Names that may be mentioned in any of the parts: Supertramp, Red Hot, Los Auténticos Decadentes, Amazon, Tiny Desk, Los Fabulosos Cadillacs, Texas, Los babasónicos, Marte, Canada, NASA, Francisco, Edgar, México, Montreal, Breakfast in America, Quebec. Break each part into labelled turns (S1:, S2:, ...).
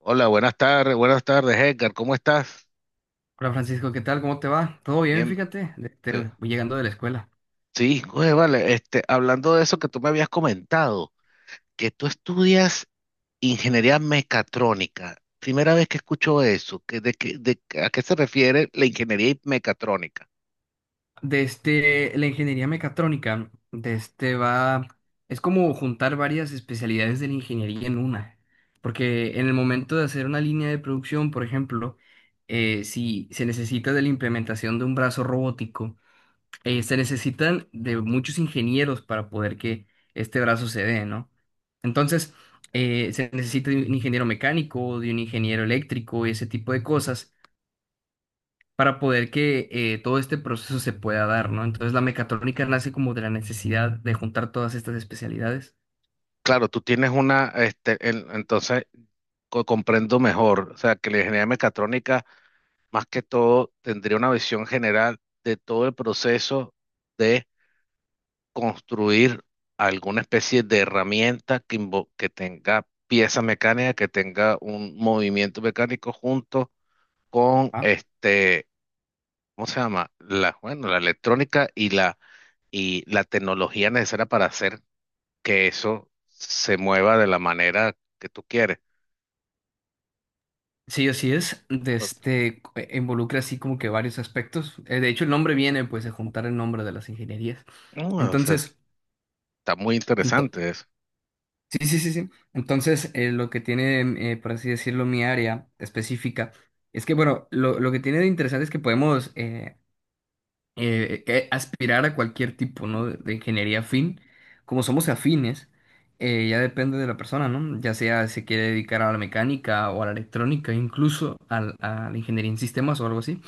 S1: Hola, buenas tardes, Edgar, ¿cómo estás?
S2: Hola Francisco, ¿qué tal? ¿Cómo te va? Todo bien,
S1: Bien.
S2: fíjate.
S1: Sí,
S2: Voy llegando de la escuela.
S1: sí, oye, vale, hablando de eso que tú me habías comentado, que tú estudias ingeniería mecatrónica. Primera vez que escucho eso, que, de, qué- ¿a qué se refiere la ingeniería mecatrónica?
S2: Desde la ingeniería mecatrónica, es como juntar varias especialidades de la ingeniería en una. Porque en el momento de hacer una línea de producción, por ejemplo, si se necesita de la implementación de un brazo robótico, se necesitan de muchos ingenieros para poder que este brazo se dé, ¿no? Entonces, se necesita de un ingeniero mecánico, de un ingeniero eléctrico y ese tipo de cosas, para poder que todo este proceso se pueda dar, ¿no? Entonces la mecatrónica nace como de la necesidad de juntar todas estas especialidades.
S1: Claro, tú tienes una, entonces comprendo mejor, o sea, que la ingeniería mecatrónica, más que todo, tendría una visión general de todo el proceso, construir alguna especie de herramienta que, que tenga pieza mecánica, que tenga un movimiento mecánico junto con
S2: Ah,
S1: ¿cómo se llama? La, bueno, la electrónica y la tecnología necesaria para hacer que eso se mueva de la manera que tú quieres.
S2: sí, así es.
S1: O-
S2: Involucra así como que varios aspectos. De hecho, el nombre viene pues de juntar el nombre de las ingenierías.
S1: no, o sea,
S2: Entonces,
S1: está muy
S2: ento-
S1: interesante eso.
S2: sí, sí, sí, sí. Entonces, lo que tiene, mm, por así decirlo, mi área específica es que, bueno, lo que tiene de interesante es que podemos que aspirar a cualquier tipo, ¿no? De ingeniería afín. Como somos afines, ya depende de la persona, ¿no? Ya sea se quiere dedicar a la mecánica o a la electrónica, a la ingeniería en sistemas o algo así.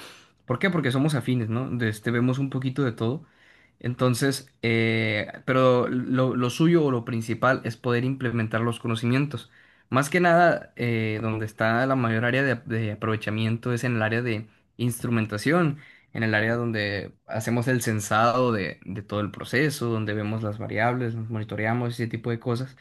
S2: ¿Por qué? Porque somos afines, ¿no? De este, vemos un poquito de todo. Entonces, lo suyo o lo principal es poder implementar los conocimientos. Más que nada, donde está la mayor área de aprovechamiento es en el área de instrumentación, en el área donde hacemos el sensado de todo el proceso, donde vemos las variables, nos monitoreamos, ese tipo de cosas,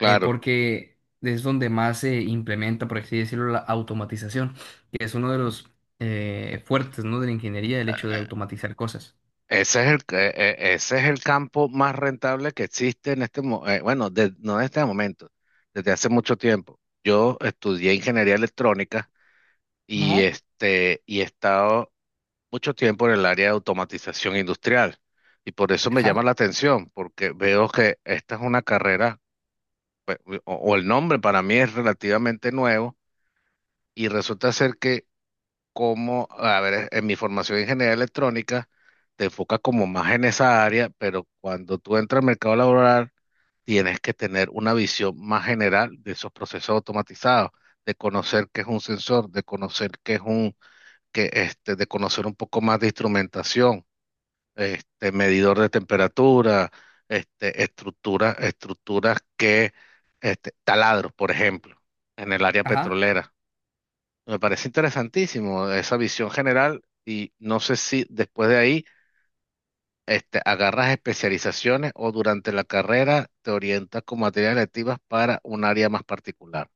S2: porque es donde más se implementa, por así decirlo, la automatización que es uno de los fuertes, ¿no? De la ingeniería, el hecho de automatizar cosas.
S1: Ese es el campo más rentable que existe en este momento, bueno, no en este momento, desde hace mucho tiempo. Yo estudié ingeniería electrónica y,
S2: Ajá.
S1: y he estado mucho tiempo en el área de automatización industrial. Y por eso me llama
S2: Ajá,
S1: la atención, porque veo que esta es una carrera, o el nombre para mí es relativamente nuevo, y resulta ser que, como, a ver, en mi formación de ingeniería electrónica, te enfocas como más en esa área, pero cuando tú entras al mercado laboral, tienes que tener una visión más general de esos procesos automatizados, de conocer qué es un sensor, de conocer qué es un, de conocer un poco más de instrumentación, medidor de temperatura, estructuras, estructuras que, taladros, por ejemplo, en el área
S2: ajá.
S1: petrolera. Me parece interesantísimo esa visión general y no sé si después de ahí, agarras especializaciones o durante la carrera te orientas con materias electivas para un área más particular.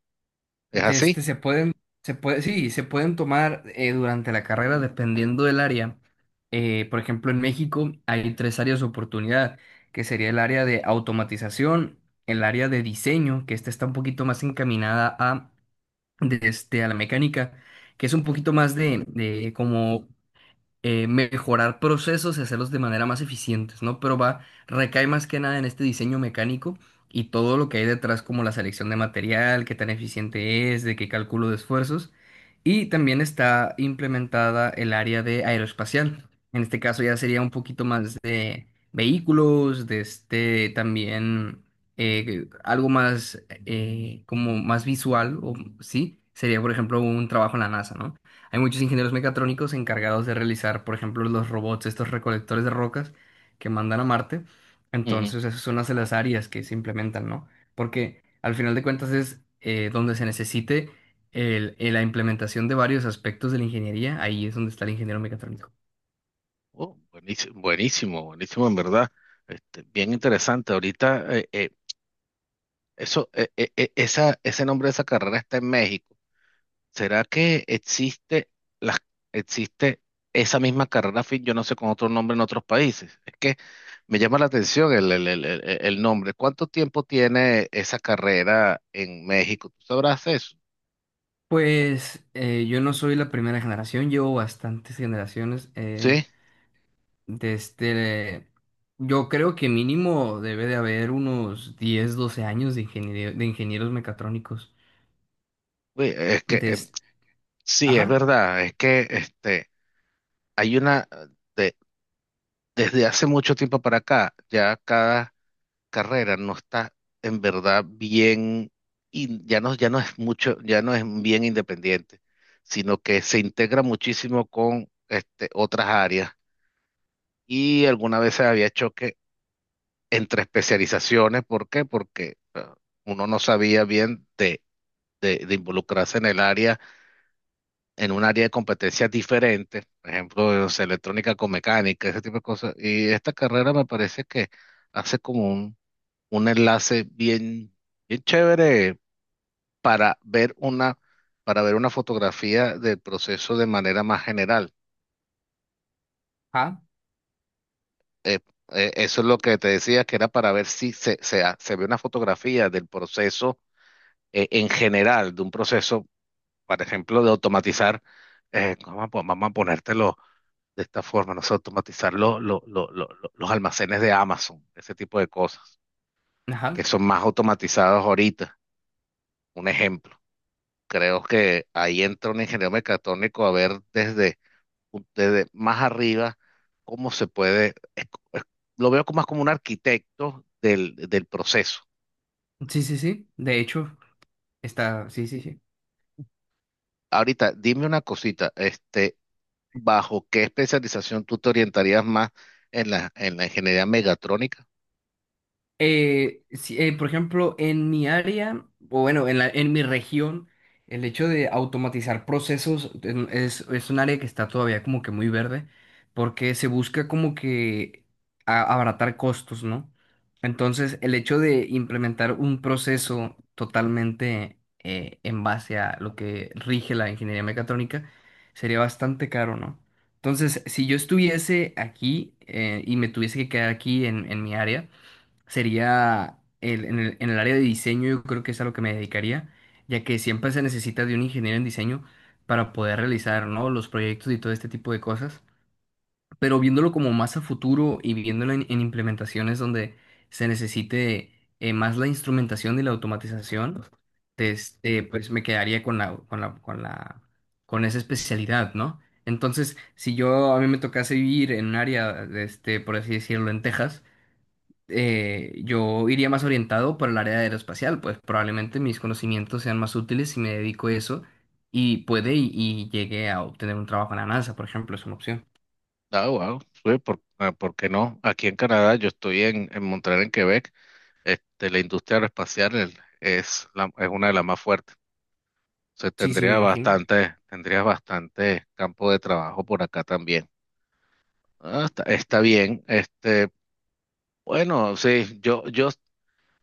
S1: ¿Es
S2: De este
S1: así?
S2: se pueden, se puede, sí, se pueden tomar durante la carrera dependiendo del área. Por ejemplo, en México hay tres áreas de oportunidad, que sería el área de automatización, el área de diseño, que esta está un poquito más encaminada a, a la mecánica, que es un poquito más de como mejorar procesos y hacerlos de manera más eficientes, ¿no? Pero va, recae más que nada en este diseño mecánico y todo lo que hay detrás, como la selección de material, qué tan eficiente es, de qué cálculo de esfuerzos. Y también está implementada el área de aeroespacial. En este caso ya sería un poquito más de vehículos, de este también algo más como más visual, o sí, sería por ejemplo un trabajo en la NASA, ¿no? Hay muchos ingenieros mecatrónicos encargados de realizar, por ejemplo, los robots, estos recolectores de rocas que mandan a Marte.
S1: Ujú.
S2: Entonces, esas son las de las áreas que se implementan, ¿no? Porque al final de cuentas es donde se necesite la implementación de varios aspectos de la ingeniería, ahí es donde está el ingeniero mecatrónico.
S1: Oh, buenísimo, buenísimo, buenísimo, en verdad. Este, bien interesante. Ahorita, eso, esa, ese nombre de esa carrera está en México. ¿Será que existe, las existe esa misma carrera fin? Yo no sé con otro nombre en otros países. Es que me llama la atención el nombre. ¿Cuánto tiempo tiene esa carrera en México? ¿Tú sabrás eso?
S2: Pues yo no soy la primera generación, llevo bastantes generaciones.
S1: Sí,
S2: De este, yo creo que mínimo debe de haber unos 10 12 años de ingenieros mecatrónicos.
S1: uy, es que
S2: De, es-
S1: sí, es
S2: ajá,
S1: verdad. Es que hay una, de- desde hace mucho tiempo para acá, ya cada carrera no está en verdad bien, y ya no, ya no es mucho, ya no es bien independiente, sino que se integra muchísimo con otras áreas. Y alguna vez había choque entre especializaciones. ¿Por qué? Porque uno no sabía bien de involucrarse en el área, en un área de competencias diferente, por ejemplo, no sé, electrónica con mecánica, ese tipo de cosas. Y esta carrera me parece que hace como un enlace bien, bien chévere para ver una, para ver una fotografía del proceso de manera más general.
S2: ajá,
S1: Eso es lo que te decía, que era para ver si se ve una fotografía del proceso en general, de un proceso, por ejemplo, de automatizar. Vamos a ponértelo de esta forma, no sé, automatizar los almacenes de Amazon, ese tipo de cosas, que
S2: ajá.
S1: son más automatizados ahorita. Un ejemplo. Creo que ahí entra un ingeniero mecatrónico a ver desde, desde más arriba cómo se puede, es- lo veo como más como un arquitecto del, del proceso.
S2: Sí, sí, sí. De hecho, está, sí, sí, sí.
S1: Ahorita, dime una cosita, ¿bajo qué especialización tú te orientarías más en la ingeniería megatrónica?
S2: Sí, por ejemplo, en mi área, o bueno, en mi región, el hecho de automatizar procesos es un área que está todavía como que muy verde, porque se busca como que abaratar costos, ¿no? Entonces, el hecho de implementar un proceso totalmente en base a lo que rige la ingeniería mecatrónica sería bastante caro, ¿no? Entonces, si yo estuviese aquí y me tuviese que quedar aquí en mi área, sería en el área de diseño, yo creo que es a lo que me dedicaría, ya que siempre se necesita de un ingeniero en diseño para poder realizar, ¿no? los proyectos y todo este tipo de cosas. Pero viéndolo como más a futuro y viéndolo en implementaciones donde se necesite más la instrumentación y la automatización, pues me quedaría con esa especialidad, ¿no? Entonces, si yo a mí me tocase vivir en un área, este, por así decirlo, en Texas, yo iría más orientado por el área de aeroespacial, pues probablemente mis conocimientos sean más útiles si me dedico a eso y y llegue a obtener un trabajo en la NASA, por ejemplo, es una opción.
S1: Ah, wow, sí, por, ah, ¿por qué no? Aquí en Canadá, yo estoy en Montreal, en Quebec, la industria aeroespacial es, es una de las más fuertes. Entonces
S2: Sí, sí, me imagino.
S1: tendría bastante campo de trabajo por acá también. Ah, está, está bien. Este, bueno, sí, yo,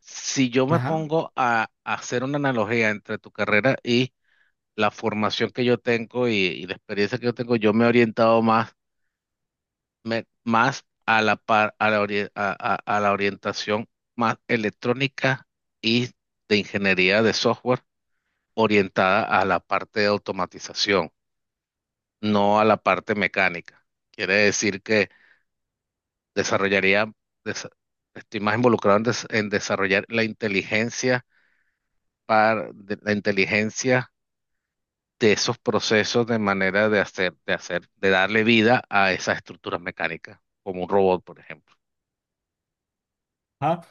S1: si yo me
S2: Ajá.
S1: pongo a hacer una analogía entre tu carrera y la formación que yo tengo y la experiencia que yo tengo, yo me he orientado más, más a a la, a la orientación más electrónica y de ingeniería de software orientada a la parte de automatización, no a la parte mecánica. Quiere decir que desarrollaría, desa- estoy más involucrado en, en desarrollar la inteligencia la inteligencia de esos procesos, de manera de hacer, de hacer, de darle vida a esas estructuras mecánicas, como un robot, por ejemplo.
S2: Ajá.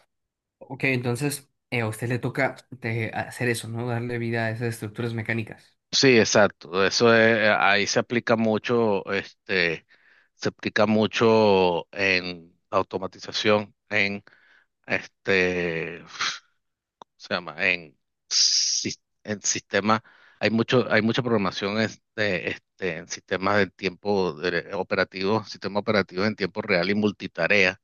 S2: Ok, entonces a usted le toca hacer eso, ¿no? Darle vida a esas estructuras mecánicas.
S1: Sí, exacto. Ahí se aplica mucho, se aplica mucho en automatización, en este ¿se llama? En, en sistemas, hay mucho, hay mucha programación en sistemas de operativo, sistema operativo en tiempo real y multitarea.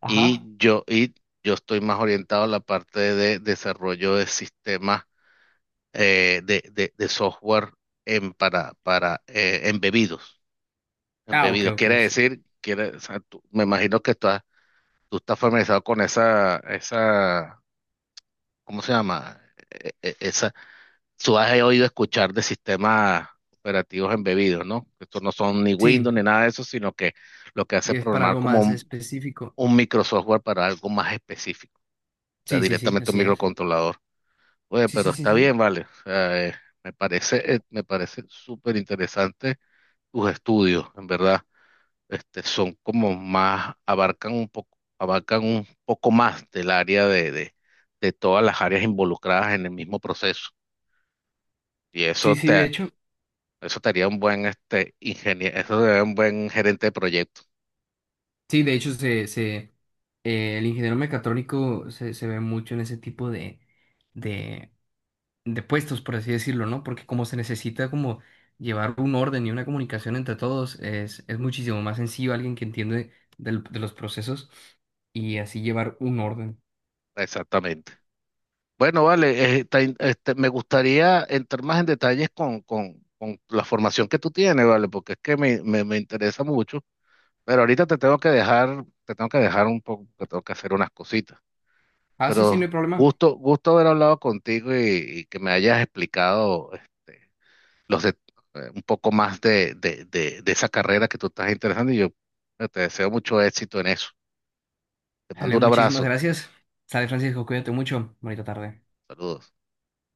S2: Ajá.
S1: Y yo estoy más orientado a la parte de desarrollo de sistemas de software en, para embebidos.
S2: Ah, ok,
S1: Embebidos
S2: ok,
S1: quiere
S2: sí.
S1: decir, quiere, o sea, me imagino que estás, tú estás familiarizado con esa, esa, ¿cómo se llama? Tú has oído escuchar de sistemas operativos embebidos, ¿no? Estos no son ni
S2: Sí,
S1: Windows ni nada de eso, sino que lo que hace es
S2: es para
S1: programar
S2: algo
S1: como
S2: más específico.
S1: un microsoftware para algo más específico, o sea,
S2: Sí, sí, sí,
S1: directamente un
S2: así es.
S1: microcontrolador. Oye,
S2: Sí,
S1: pero
S2: sí, sí,
S1: está
S2: sí.
S1: bien, vale. O sea, me parece súper interesante tus estudios, en verdad. Este, son como más, abarcan un poco más del área de todas las áreas involucradas en el mismo proceso. Y
S2: Sí,
S1: eso
S2: sí, de
S1: te,
S2: hecho,
S1: eso te haría un buen este ingeniero, eso sería un buen gerente de proyecto.
S2: sí, de hecho, el ingeniero mecatrónico se ve mucho en ese tipo de, de puestos, por así decirlo, ¿no? Porque como se necesita como llevar un orden y una comunicación entre todos, es muchísimo más sencillo alguien que entiende de los procesos y así llevar un orden.
S1: Exactamente. Bueno, vale, este, me gustaría entrar más en detalles con la formación que tú tienes, vale, porque es que me interesa mucho. Pero ahorita te tengo que dejar, te tengo que dejar un poco, que tengo que hacer unas cositas.
S2: Ah, sí, sí, no hay
S1: Pero
S2: problema.
S1: gusto, gusto haber hablado contigo y que me hayas explicado los de- un poco más de esa carrera que tú estás interesando y yo, te deseo mucho éxito en eso. Te mando
S2: Dale,
S1: un
S2: muchísimas
S1: abrazo.
S2: gracias. Sale, Francisco, cuídate mucho. Bonita tarde.
S1: Saludos.